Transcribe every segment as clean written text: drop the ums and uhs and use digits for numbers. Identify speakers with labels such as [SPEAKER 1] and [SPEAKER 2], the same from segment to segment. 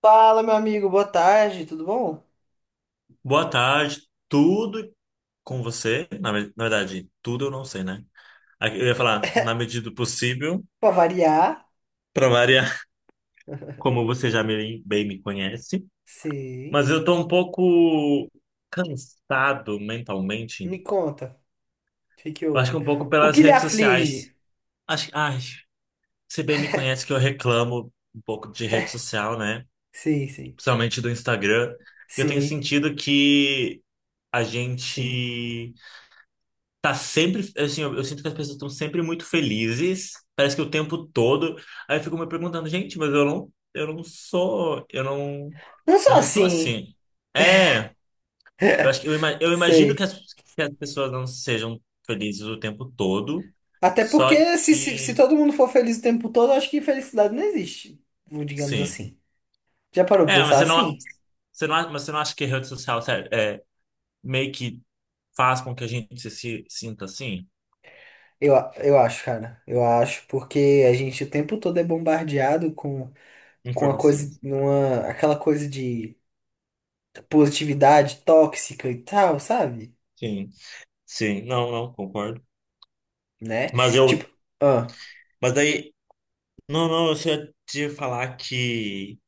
[SPEAKER 1] Fala, meu amigo, boa tarde, tudo bom?
[SPEAKER 2] Boa tarde, tudo com você? Na verdade, tudo eu não sei, né? Eu ia falar, na medida do possível,
[SPEAKER 1] Pra variar,
[SPEAKER 2] para variar, como você bem me conhece.
[SPEAKER 1] sei.
[SPEAKER 2] Mas eu tô um pouco cansado mentalmente.
[SPEAKER 1] Me conta, o que que
[SPEAKER 2] Eu acho que
[SPEAKER 1] houve?
[SPEAKER 2] um pouco
[SPEAKER 1] O
[SPEAKER 2] pelas
[SPEAKER 1] que lhe
[SPEAKER 2] redes sociais.
[SPEAKER 1] aflige?
[SPEAKER 2] Acho, ai, Você bem me conhece que eu reclamo um pouco de rede social, né?
[SPEAKER 1] Sim, sim.
[SPEAKER 2] Principalmente do Instagram. Eu tenho
[SPEAKER 1] Sim,
[SPEAKER 2] sentido que a
[SPEAKER 1] sim.
[SPEAKER 2] gente tá sempre, assim, eu sinto que as pessoas estão sempre muito felizes, parece que o tempo todo. Aí eu fico me perguntando, gente, mas
[SPEAKER 1] Não
[SPEAKER 2] eu
[SPEAKER 1] só
[SPEAKER 2] não sou
[SPEAKER 1] assim,
[SPEAKER 2] assim. É, eu acho que eu imagino que
[SPEAKER 1] sei.
[SPEAKER 2] que as pessoas não sejam felizes o tempo todo,
[SPEAKER 1] Até
[SPEAKER 2] só
[SPEAKER 1] porque se
[SPEAKER 2] que,
[SPEAKER 1] todo mundo for feliz o tempo todo, eu acho que felicidade não existe, digamos
[SPEAKER 2] sim.
[SPEAKER 1] assim. Já parou pra
[SPEAKER 2] É, mas
[SPEAKER 1] pensar assim?
[SPEAKER 2] você não acha que a rede social, sério, é, meio que faz com que a gente se sinta assim?
[SPEAKER 1] Eu acho, cara. Eu acho, porque a gente o tempo todo é bombardeado com a coisa,
[SPEAKER 2] Informações.
[SPEAKER 1] uma, aquela coisa de positividade tóxica e tal, sabe?
[SPEAKER 2] Sim, sim, não, não, concordo.
[SPEAKER 1] Né?
[SPEAKER 2] Mas eu,
[SPEAKER 1] Tipo, ah,
[SPEAKER 2] mas daí Não, não, eu só ia te falar que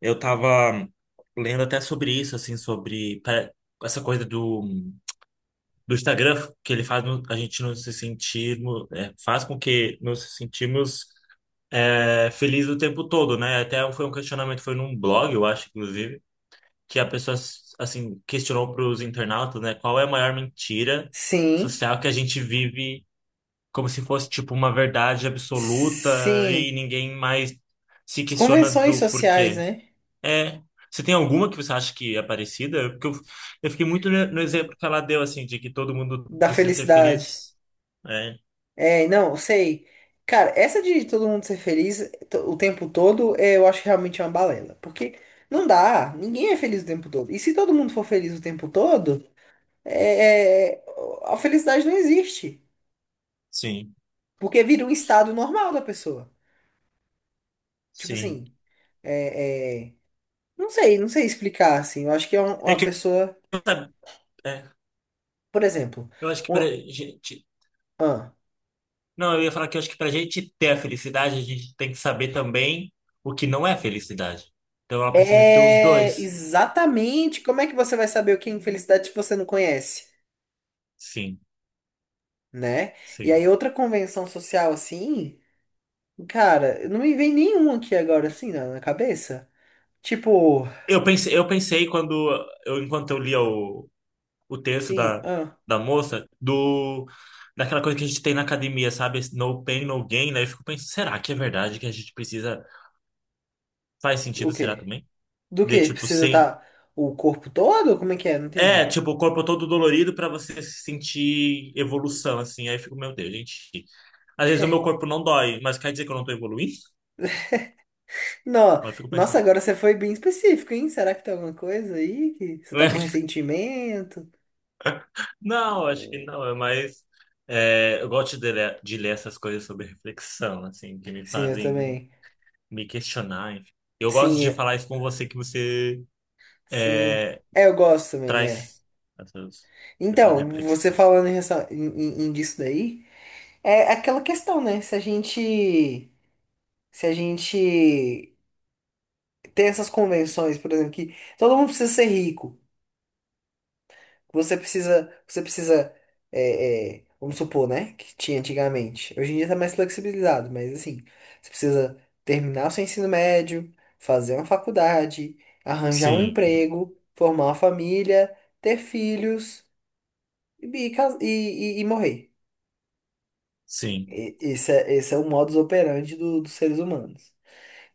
[SPEAKER 2] eu tava lendo até sobre isso, assim, essa coisa do Instagram, que ele faz no- a gente não se sentir, é, faz com que nos sentimos é, felizes o tempo todo, né? Até foi um questionamento, foi num blog, eu acho, inclusive, que a pessoa, assim, questionou para os internautas, né, qual é a maior mentira
[SPEAKER 1] sim,
[SPEAKER 2] social que a gente vive como se fosse tipo uma verdade absoluta e
[SPEAKER 1] sim.
[SPEAKER 2] ninguém mais se
[SPEAKER 1] As
[SPEAKER 2] questiona
[SPEAKER 1] convenções
[SPEAKER 2] do
[SPEAKER 1] sociais,
[SPEAKER 2] porquê.
[SPEAKER 1] né?
[SPEAKER 2] É, você tem alguma que você acha que é parecida? Eu fiquei muito no exemplo que ela deu assim de que todo mundo
[SPEAKER 1] Da
[SPEAKER 2] precisa ser
[SPEAKER 1] felicidade.
[SPEAKER 2] feliz. É,
[SPEAKER 1] É, não, eu sei. Cara, essa de todo mundo ser feliz o tempo todo, eu acho realmente uma balela. Porque não dá, ninguém é feliz o tempo todo. E se todo mundo for feliz o tempo todo, é, é, a felicidade não existe.
[SPEAKER 2] sim,
[SPEAKER 1] Porque vira um estado normal da pessoa. Tipo
[SPEAKER 2] sim.
[SPEAKER 1] assim, é, é, não sei, não sei explicar, assim. Eu acho que é uma,
[SPEAKER 2] É
[SPEAKER 1] uma
[SPEAKER 2] que
[SPEAKER 1] pessoa,
[SPEAKER 2] sabe, é,
[SPEAKER 1] por exemplo,
[SPEAKER 2] eu acho que pra gente,
[SPEAKER 1] uma.
[SPEAKER 2] não, eu ia falar que eu acho que pra gente ter a felicidade, a gente tem que saber também o que não é felicidade. Então ela precisa ter os
[SPEAKER 1] É,
[SPEAKER 2] dois.
[SPEAKER 1] exatamente. Como é que você vai saber o que é infelicidade se você não conhece,
[SPEAKER 2] Sim,
[SPEAKER 1] né? E
[SPEAKER 2] sim.
[SPEAKER 1] aí, outra convenção social assim, cara, não me vem nenhum aqui agora assim na cabeça. Tipo,
[SPEAKER 2] Eu pensei quando eu enquanto eu lia o texto
[SPEAKER 1] sim, ah,
[SPEAKER 2] da moça do daquela coisa que a gente tem na academia, sabe? Esse No pain, no gain, né? Eu fico pensando, será que é verdade que a gente precisa? Faz
[SPEAKER 1] o
[SPEAKER 2] sentido, será
[SPEAKER 1] quê?
[SPEAKER 2] também?
[SPEAKER 1] Do
[SPEAKER 2] De
[SPEAKER 1] quê?
[SPEAKER 2] tipo,
[SPEAKER 1] Precisa
[SPEAKER 2] sim.
[SPEAKER 1] estar o corpo todo? Como é que é? Não
[SPEAKER 2] É,
[SPEAKER 1] entendi.
[SPEAKER 2] tipo, o corpo todo dolorido pra você sentir evolução, assim. Aí eu fico, meu Deus, gente. Às vezes o meu corpo não dói, mas quer dizer que eu não tô evoluindo?
[SPEAKER 1] Não,
[SPEAKER 2] Aí eu fico
[SPEAKER 1] nossa,
[SPEAKER 2] pensando.
[SPEAKER 1] agora você foi bem específico, hein? Será que tem alguma coisa aí que você tá com ressentimento?
[SPEAKER 2] Não, acho que não, é mais. É, eu gosto de ler essas coisas sobre reflexão, assim, que me
[SPEAKER 1] Sim, eu
[SPEAKER 2] fazem
[SPEAKER 1] também.
[SPEAKER 2] me questionar. Enfim. Eu gosto de
[SPEAKER 1] Sim,
[SPEAKER 2] falar isso com você, que você
[SPEAKER 1] sim.
[SPEAKER 2] é,
[SPEAKER 1] É, eu gosto também, é.
[SPEAKER 2] traz essas, essas
[SPEAKER 1] Então, você
[SPEAKER 2] reflexões.
[SPEAKER 1] falando em, em disso daí, é aquela questão, né? Se a gente, se a gente tem essas convenções, por exemplo, que todo mundo precisa ser rico, você precisa, vamos supor, né? Que tinha antigamente. Hoje em dia tá mais flexibilizado, mas assim, você precisa terminar o seu ensino médio, fazer uma faculdade, arranjar um
[SPEAKER 2] Sim,
[SPEAKER 1] emprego, formar uma família, ter filhos e, e, cas- e e morrer.
[SPEAKER 2] sim,
[SPEAKER 1] Esse é o modus operandi dos seres humanos.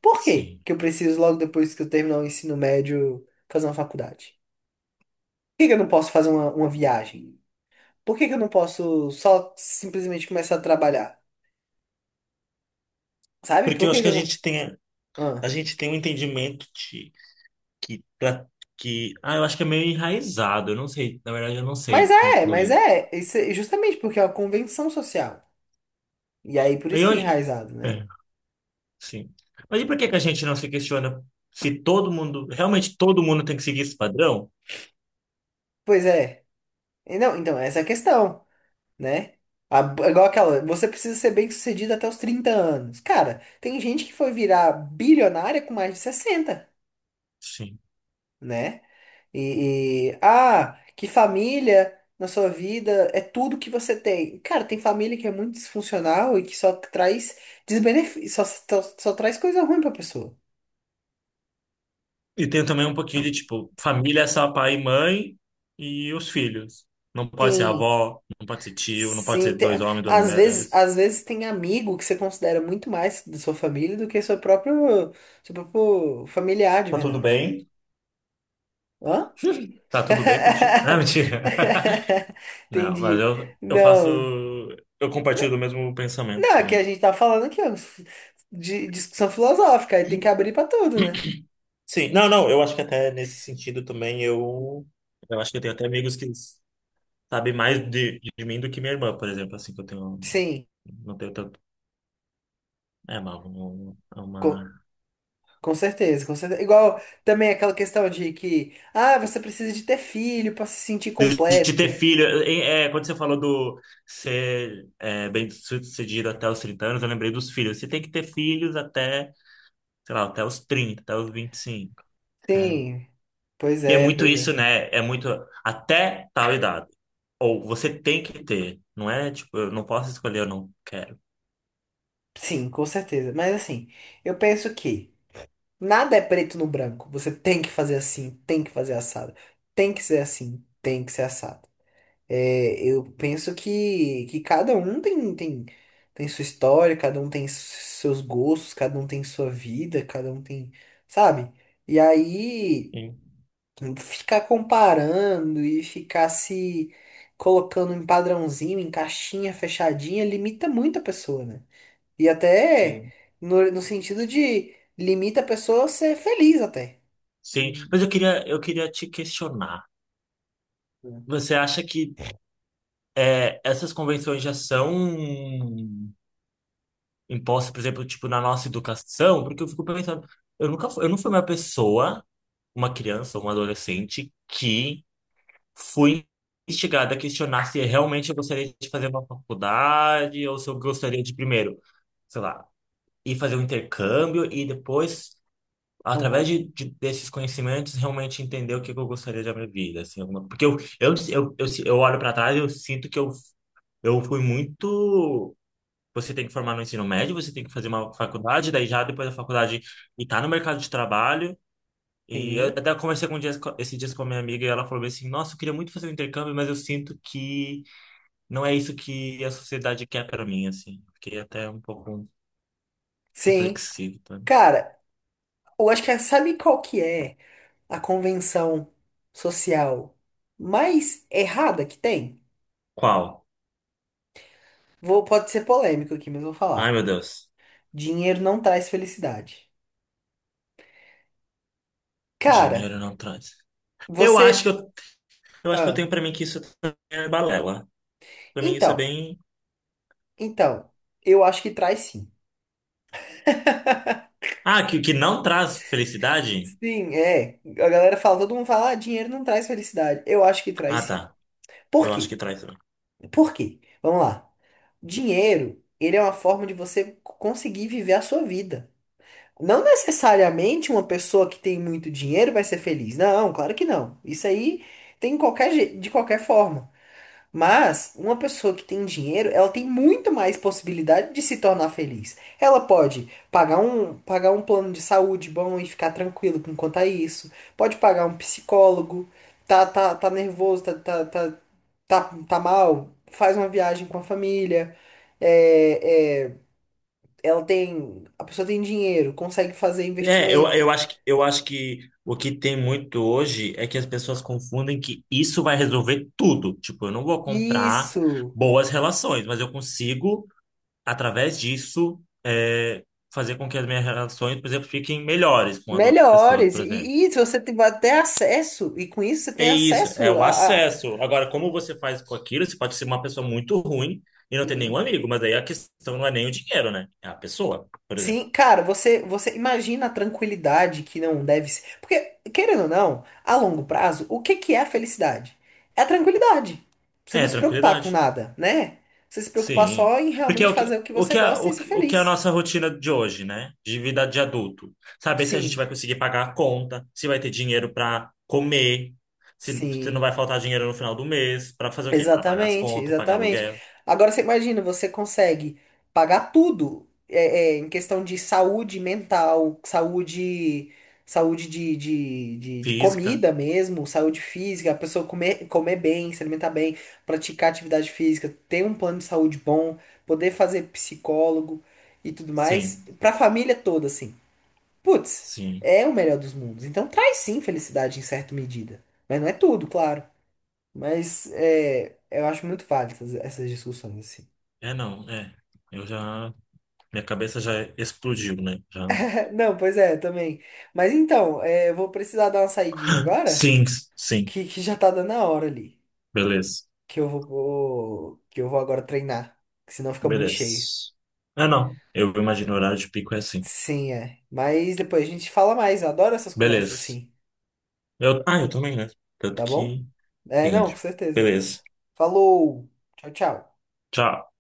[SPEAKER 1] Por quê
[SPEAKER 2] sim.
[SPEAKER 1] que eu preciso, logo depois que eu terminar o ensino médio, fazer uma faculdade? Por que que eu não posso fazer uma viagem? Por que que eu não posso só simplesmente começar a trabalhar? Sabe?
[SPEAKER 2] Porque
[SPEAKER 1] Por
[SPEAKER 2] eu
[SPEAKER 1] que
[SPEAKER 2] acho que
[SPEAKER 1] que
[SPEAKER 2] a
[SPEAKER 1] eu não.
[SPEAKER 2] gente tem, A
[SPEAKER 1] Ah.
[SPEAKER 2] gente tem um entendimento de que, pra- que. Ah, eu acho que é meio enraizado, eu não sei, na verdade, eu não
[SPEAKER 1] Mas
[SPEAKER 2] sei
[SPEAKER 1] é, mas
[SPEAKER 2] concluir.
[SPEAKER 1] é. Isso é justamente porque é uma convenção social. E aí, por isso que
[SPEAKER 2] Eu,
[SPEAKER 1] é enraizado, né?
[SPEAKER 2] é. Sim. Mas e por que que a gente não se questiona se todo mundo, realmente todo mundo tem que seguir esse padrão?
[SPEAKER 1] Pois é. E não, então, essa é a questão. Né? A- igual aquela, você precisa ser bem-sucedido até os 30 anos. Cara, tem gente que foi virar bilionária com mais de 60,
[SPEAKER 2] Sim.
[SPEAKER 1] né? E que família na sua vida é tudo que você tem. Cara, tem família que é muito disfuncional e que só traz desbenefício, só traz coisa ruim pra pessoa.
[SPEAKER 2] E tem também um pouquinho de, tipo, família é só pai e mãe e os filhos. Não pode ser
[SPEAKER 1] Tem.
[SPEAKER 2] avó, não pode ser tio, não pode
[SPEAKER 1] Sim,
[SPEAKER 2] ser dois homens, duas mulheres.
[SPEAKER 1] às vezes tem amigo que você considera muito mais da sua família do que seu próprio familiar de
[SPEAKER 2] Tá tudo
[SPEAKER 1] verdade.
[SPEAKER 2] bem?
[SPEAKER 1] Hã?
[SPEAKER 2] Tá tudo bem contigo? Ah, mentira. Não, mas
[SPEAKER 1] Entendi.
[SPEAKER 2] eu faço.
[SPEAKER 1] Não,
[SPEAKER 2] Eu compartilho do mesmo pensamento
[SPEAKER 1] não, é que a
[SPEAKER 2] também.
[SPEAKER 1] gente tá falando aqui, ó, de discussão filosófica, aí tem que abrir pra tudo, né?
[SPEAKER 2] Sim, não, não, eu acho que até nesse sentido também eu. Eu acho que eu tenho até amigos que sabe mais de mim do que minha irmã, por exemplo, assim, que eu tenho,
[SPEAKER 1] Sim,
[SPEAKER 2] não tenho tanto, é
[SPEAKER 1] co-
[SPEAKER 2] uma-
[SPEAKER 1] com certeza, com certeza. Igual também aquela questão de que, ah, você precisa de ter filho pra se sentir
[SPEAKER 2] de ter
[SPEAKER 1] completo.
[SPEAKER 2] filho, é, é, quando você falou do ser é, bem sucedido até os 30 anos, eu lembrei dos filhos, você tem que ter filhos até, sei lá, até os 30, até os 25, até...
[SPEAKER 1] Sim, pois
[SPEAKER 2] E é
[SPEAKER 1] é,
[SPEAKER 2] muito
[SPEAKER 1] pois
[SPEAKER 2] isso,
[SPEAKER 1] é.
[SPEAKER 2] né, é muito, até tal idade, ou você tem que ter, não é, tipo, eu não posso escolher, eu não quero.
[SPEAKER 1] Sim, com certeza. Mas assim, eu penso que nada é preto no branco. Você tem que fazer assim, tem que fazer assado. Tem que ser assim, tem que ser assado. É, eu penso que cada um tem, tem sua história, cada um tem s- seus gostos, cada um tem sua vida, cada um tem, sabe? E aí
[SPEAKER 2] Sim,
[SPEAKER 1] ficar comparando e ficar se colocando em padrãozinho, em caixinha fechadinha, limita muito a pessoa, né? E até
[SPEAKER 2] sim.
[SPEAKER 1] no sentido de limita a pessoa a ser feliz até.
[SPEAKER 2] Sim,
[SPEAKER 1] Hum.
[SPEAKER 2] mas eu queria te questionar. Você acha que é, essas convenções já são impostas, por exemplo, tipo, na nossa educação, porque eu fico pensando, eu nunca fui, eu não fui uma pessoa, uma criança, uma adolescente, que fui instigada a questionar se realmente eu gostaria de fazer uma faculdade ou se eu gostaria de primeiro, sei lá, ir fazer um intercâmbio e depois, através
[SPEAKER 1] Uhum.
[SPEAKER 2] desses conhecimentos, realmente entender o que que eu gostaria da minha vida, assim, alguma- porque eu olho para trás e eu sinto que eu fui muito. Você tem que formar no ensino médio, você tem que fazer uma faculdade, daí já depois da faculdade e tá no mercado de trabalho. E eu
[SPEAKER 1] Sim.
[SPEAKER 2] até conversei com um dias, esses dias com a minha amiga e ela falou bem assim: Nossa, eu queria muito fazer um intercâmbio, mas eu sinto que não é isso que a sociedade quer para mim, assim. Fiquei até um pouco
[SPEAKER 1] Sim.
[SPEAKER 2] reflexivo, tá?
[SPEAKER 1] Cara, eu acho que é- sabe qual que é? A convenção social mais errada que tem.
[SPEAKER 2] Qual?
[SPEAKER 1] Vou, pode ser polêmico aqui, mas vou
[SPEAKER 2] Ai,
[SPEAKER 1] falar.
[SPEAKER 2] meu Deus.
[SPEAKER 1] Dinheiro não traz felicidade. Cara,
[SPEAKER 2] Dinheiro não traz. Eu acho que
[SPEAKER 1] você.
[SPEAKER 2] eu acho que eu
[SPEAKER 1] Ah,
[SPEAKER 2] tenho para mim que isso também é balela. Para mim isso é
[SPEAKER 1] então,
[SPEAKER 2] bem.
[SPEAKER 1] então, eu acho que traz sim.
[SPEAKER 2] Ah, que não traz felicidade?
[SPEAKER 1] Sim, é. A galera fala, todo mundo fala, ah, dinheiro não traz felicidade. Eu acho que traz
[SPEAKER 2] Ah,
[SPEAKER 1] sim.
[SPEAKER 2] tá.
[SPEAKER 1] Por
[SPEAKER 2] Eu acho
[SPEAKER 1] quê?
[SPEAKER 2] que traz.
[SPEAKER 1] Por quê? Vamos lá. Dinheiro, ele é uma forma de você conseguir viver a sua vida. Não necessariamente uma pessoa que tem muito dinheiro vai ser feliz. Não, claro que não. Isso aí tem em qualquer, de qualquer forma. Mas uma pessoa que tem dinheiro, ela tem muito mais possibilidade de se tornar feliz. Ela pode pagar um plano de saúde bom e ficar tranquilo com quanto a isso. Pode pagar um psicólogo, tá nervoso, tá mal, faz uma viagem com a família. é, é, ela tem, a pessoa tem dinheiro, consegue fazer
[SPEAKER 2] É,
[SPEAKER 1] investimento.
[SPEAKER 2] eu acho eu acho que o que tem muito hoje é que as pessoas confundem que isso vai resolver tudo. Tipo, eu não vou comprar
[SPEAKER 1] Isso.
[SPEAKER 2] boas relações, mas eu consigo, através disso, é, fazer com que as minhas relações, por exemplo, fiquem melhores com as outras pessoas,
[SPEAKER 1] Melhores.
[SPEAKER 2] por exemplo.
[SPEAKER 1] E se você tem até acesso, e com isso você
[SPEAKER 2] É
[SPEAKER 1] tem
[SPEAKER 2] isso, é
[SPEAKER 1] acesso
[SPEAKER 2] o
[SPEAKER 1] a-.
[SPEAKER 2] acesso. Agora, como você faz com aquilo, você pode ser uma pessoa muito ruim e não ter nenhum
[SPEAKER 1] Sim.
[SPEAKER 2] amigo, mas aí a questão não é nem o dinheiro, né? É a pessoa, por exemplo.
[SPEAKER 1] Sim, cara, você imagina a tranquilidade que não deve ser. Porque, querendo ou não, a longo prazo, o que que é a felicidade? É a tranquilidade. Você não
[SPEAKER 2] É,
[SPEAKER 1] se preocupar com
[SPEAKER 2] tranquilidade.
[SPEAKER 1] nada, né? Você se preocupar
[SPEAKER 2] Sim.
[SPEAKER 1] só em
[SPEAKER 2] Porque é
[SPEAKER 1] realmente fazer o que você gosta e ser
[SPEAKER 2] o que é a
[SPEAKER 1] feliz.
[SPEAKER 2] nossa rotina de hoje, né? De vida de adulto. Saber se a gente vai
[SPEAKER 1] Sim,
[SPEAKER 2] conseguir pagar a conta, se vai ter dinheiro para comer, se não vai
[SPEAKER 1] sim.
[SPEAKER 2] faltar dinheiro no final do mês, para fazer o quê? Para pagar as
[SPEAKER 1] Exatamente,
[SPEAKER 2] contas, pagar
[SPEAKER 1] exatamente.
[SPEAKER 2] aluguel,
[SPEAKER 1] Agora você imagina, você consegue pagar tudo em questão de saúde mental, saúde, saúde de
[SPEAKER 2] física.
[SPEAKER 1] comida mesmo, saúde física, a pessoa comer, comer bem, se alimentar bem, praticar atividade física, ter um plano de saúde bom, poder fazer psicólogo e tudo mais,
[SPEAKER 2] Sim,
[SPEAKER 1] pra família toda, assim. Putz,
[SPEAKER 2] sim.
[SPEAKER 1] é o melhor dos mundos. Então traz sim felicidade em certa medida, mas não é tudo, claro. Mas é, eu acho muito válido essas discussões, assim.
[SPEAKER 2] É, não, é. Eu já. Minha cabeça já explodiu, né? Já.
[SPEAKER 1] Não, pois é, também. Mas então, é, eu vou precisar dar uma saidinha agora,
[SPEAKER 2] Sim, sim.
[SPEAKER 1] que já tá dando a hora ali.
[SPEAKER 2] Beleza.
[SPEAKER 1] Que eu vou agora treinar, que senão fica muito
[SPEAKER 2] Beleza.
[SPEAKER 1] cheio.
[SPEAKER 2] É, não. Eu imagino o horário de pico é assim.
[SPEAKER 1] Sim, é. Mas depois a gente fala mais, eu adoro essas conversas
[SPEAKER 2] Beleza.
[SPEAKER 1] assim,
[SPEAKER 2] Eu, ah, eu também, né? Tanto
[SPEAKER 1] tá bom?
[SPEAKER 2] que.
[SPEAKER 1] É, não, com
[SPEAKER 2] Rende.
[SPEAKER 1] certeza.
[SPEAKER 2] Beleza.
[SPEAKER 1] Falou! Tchau, tchau.
[SPEAKER 2] Tchau.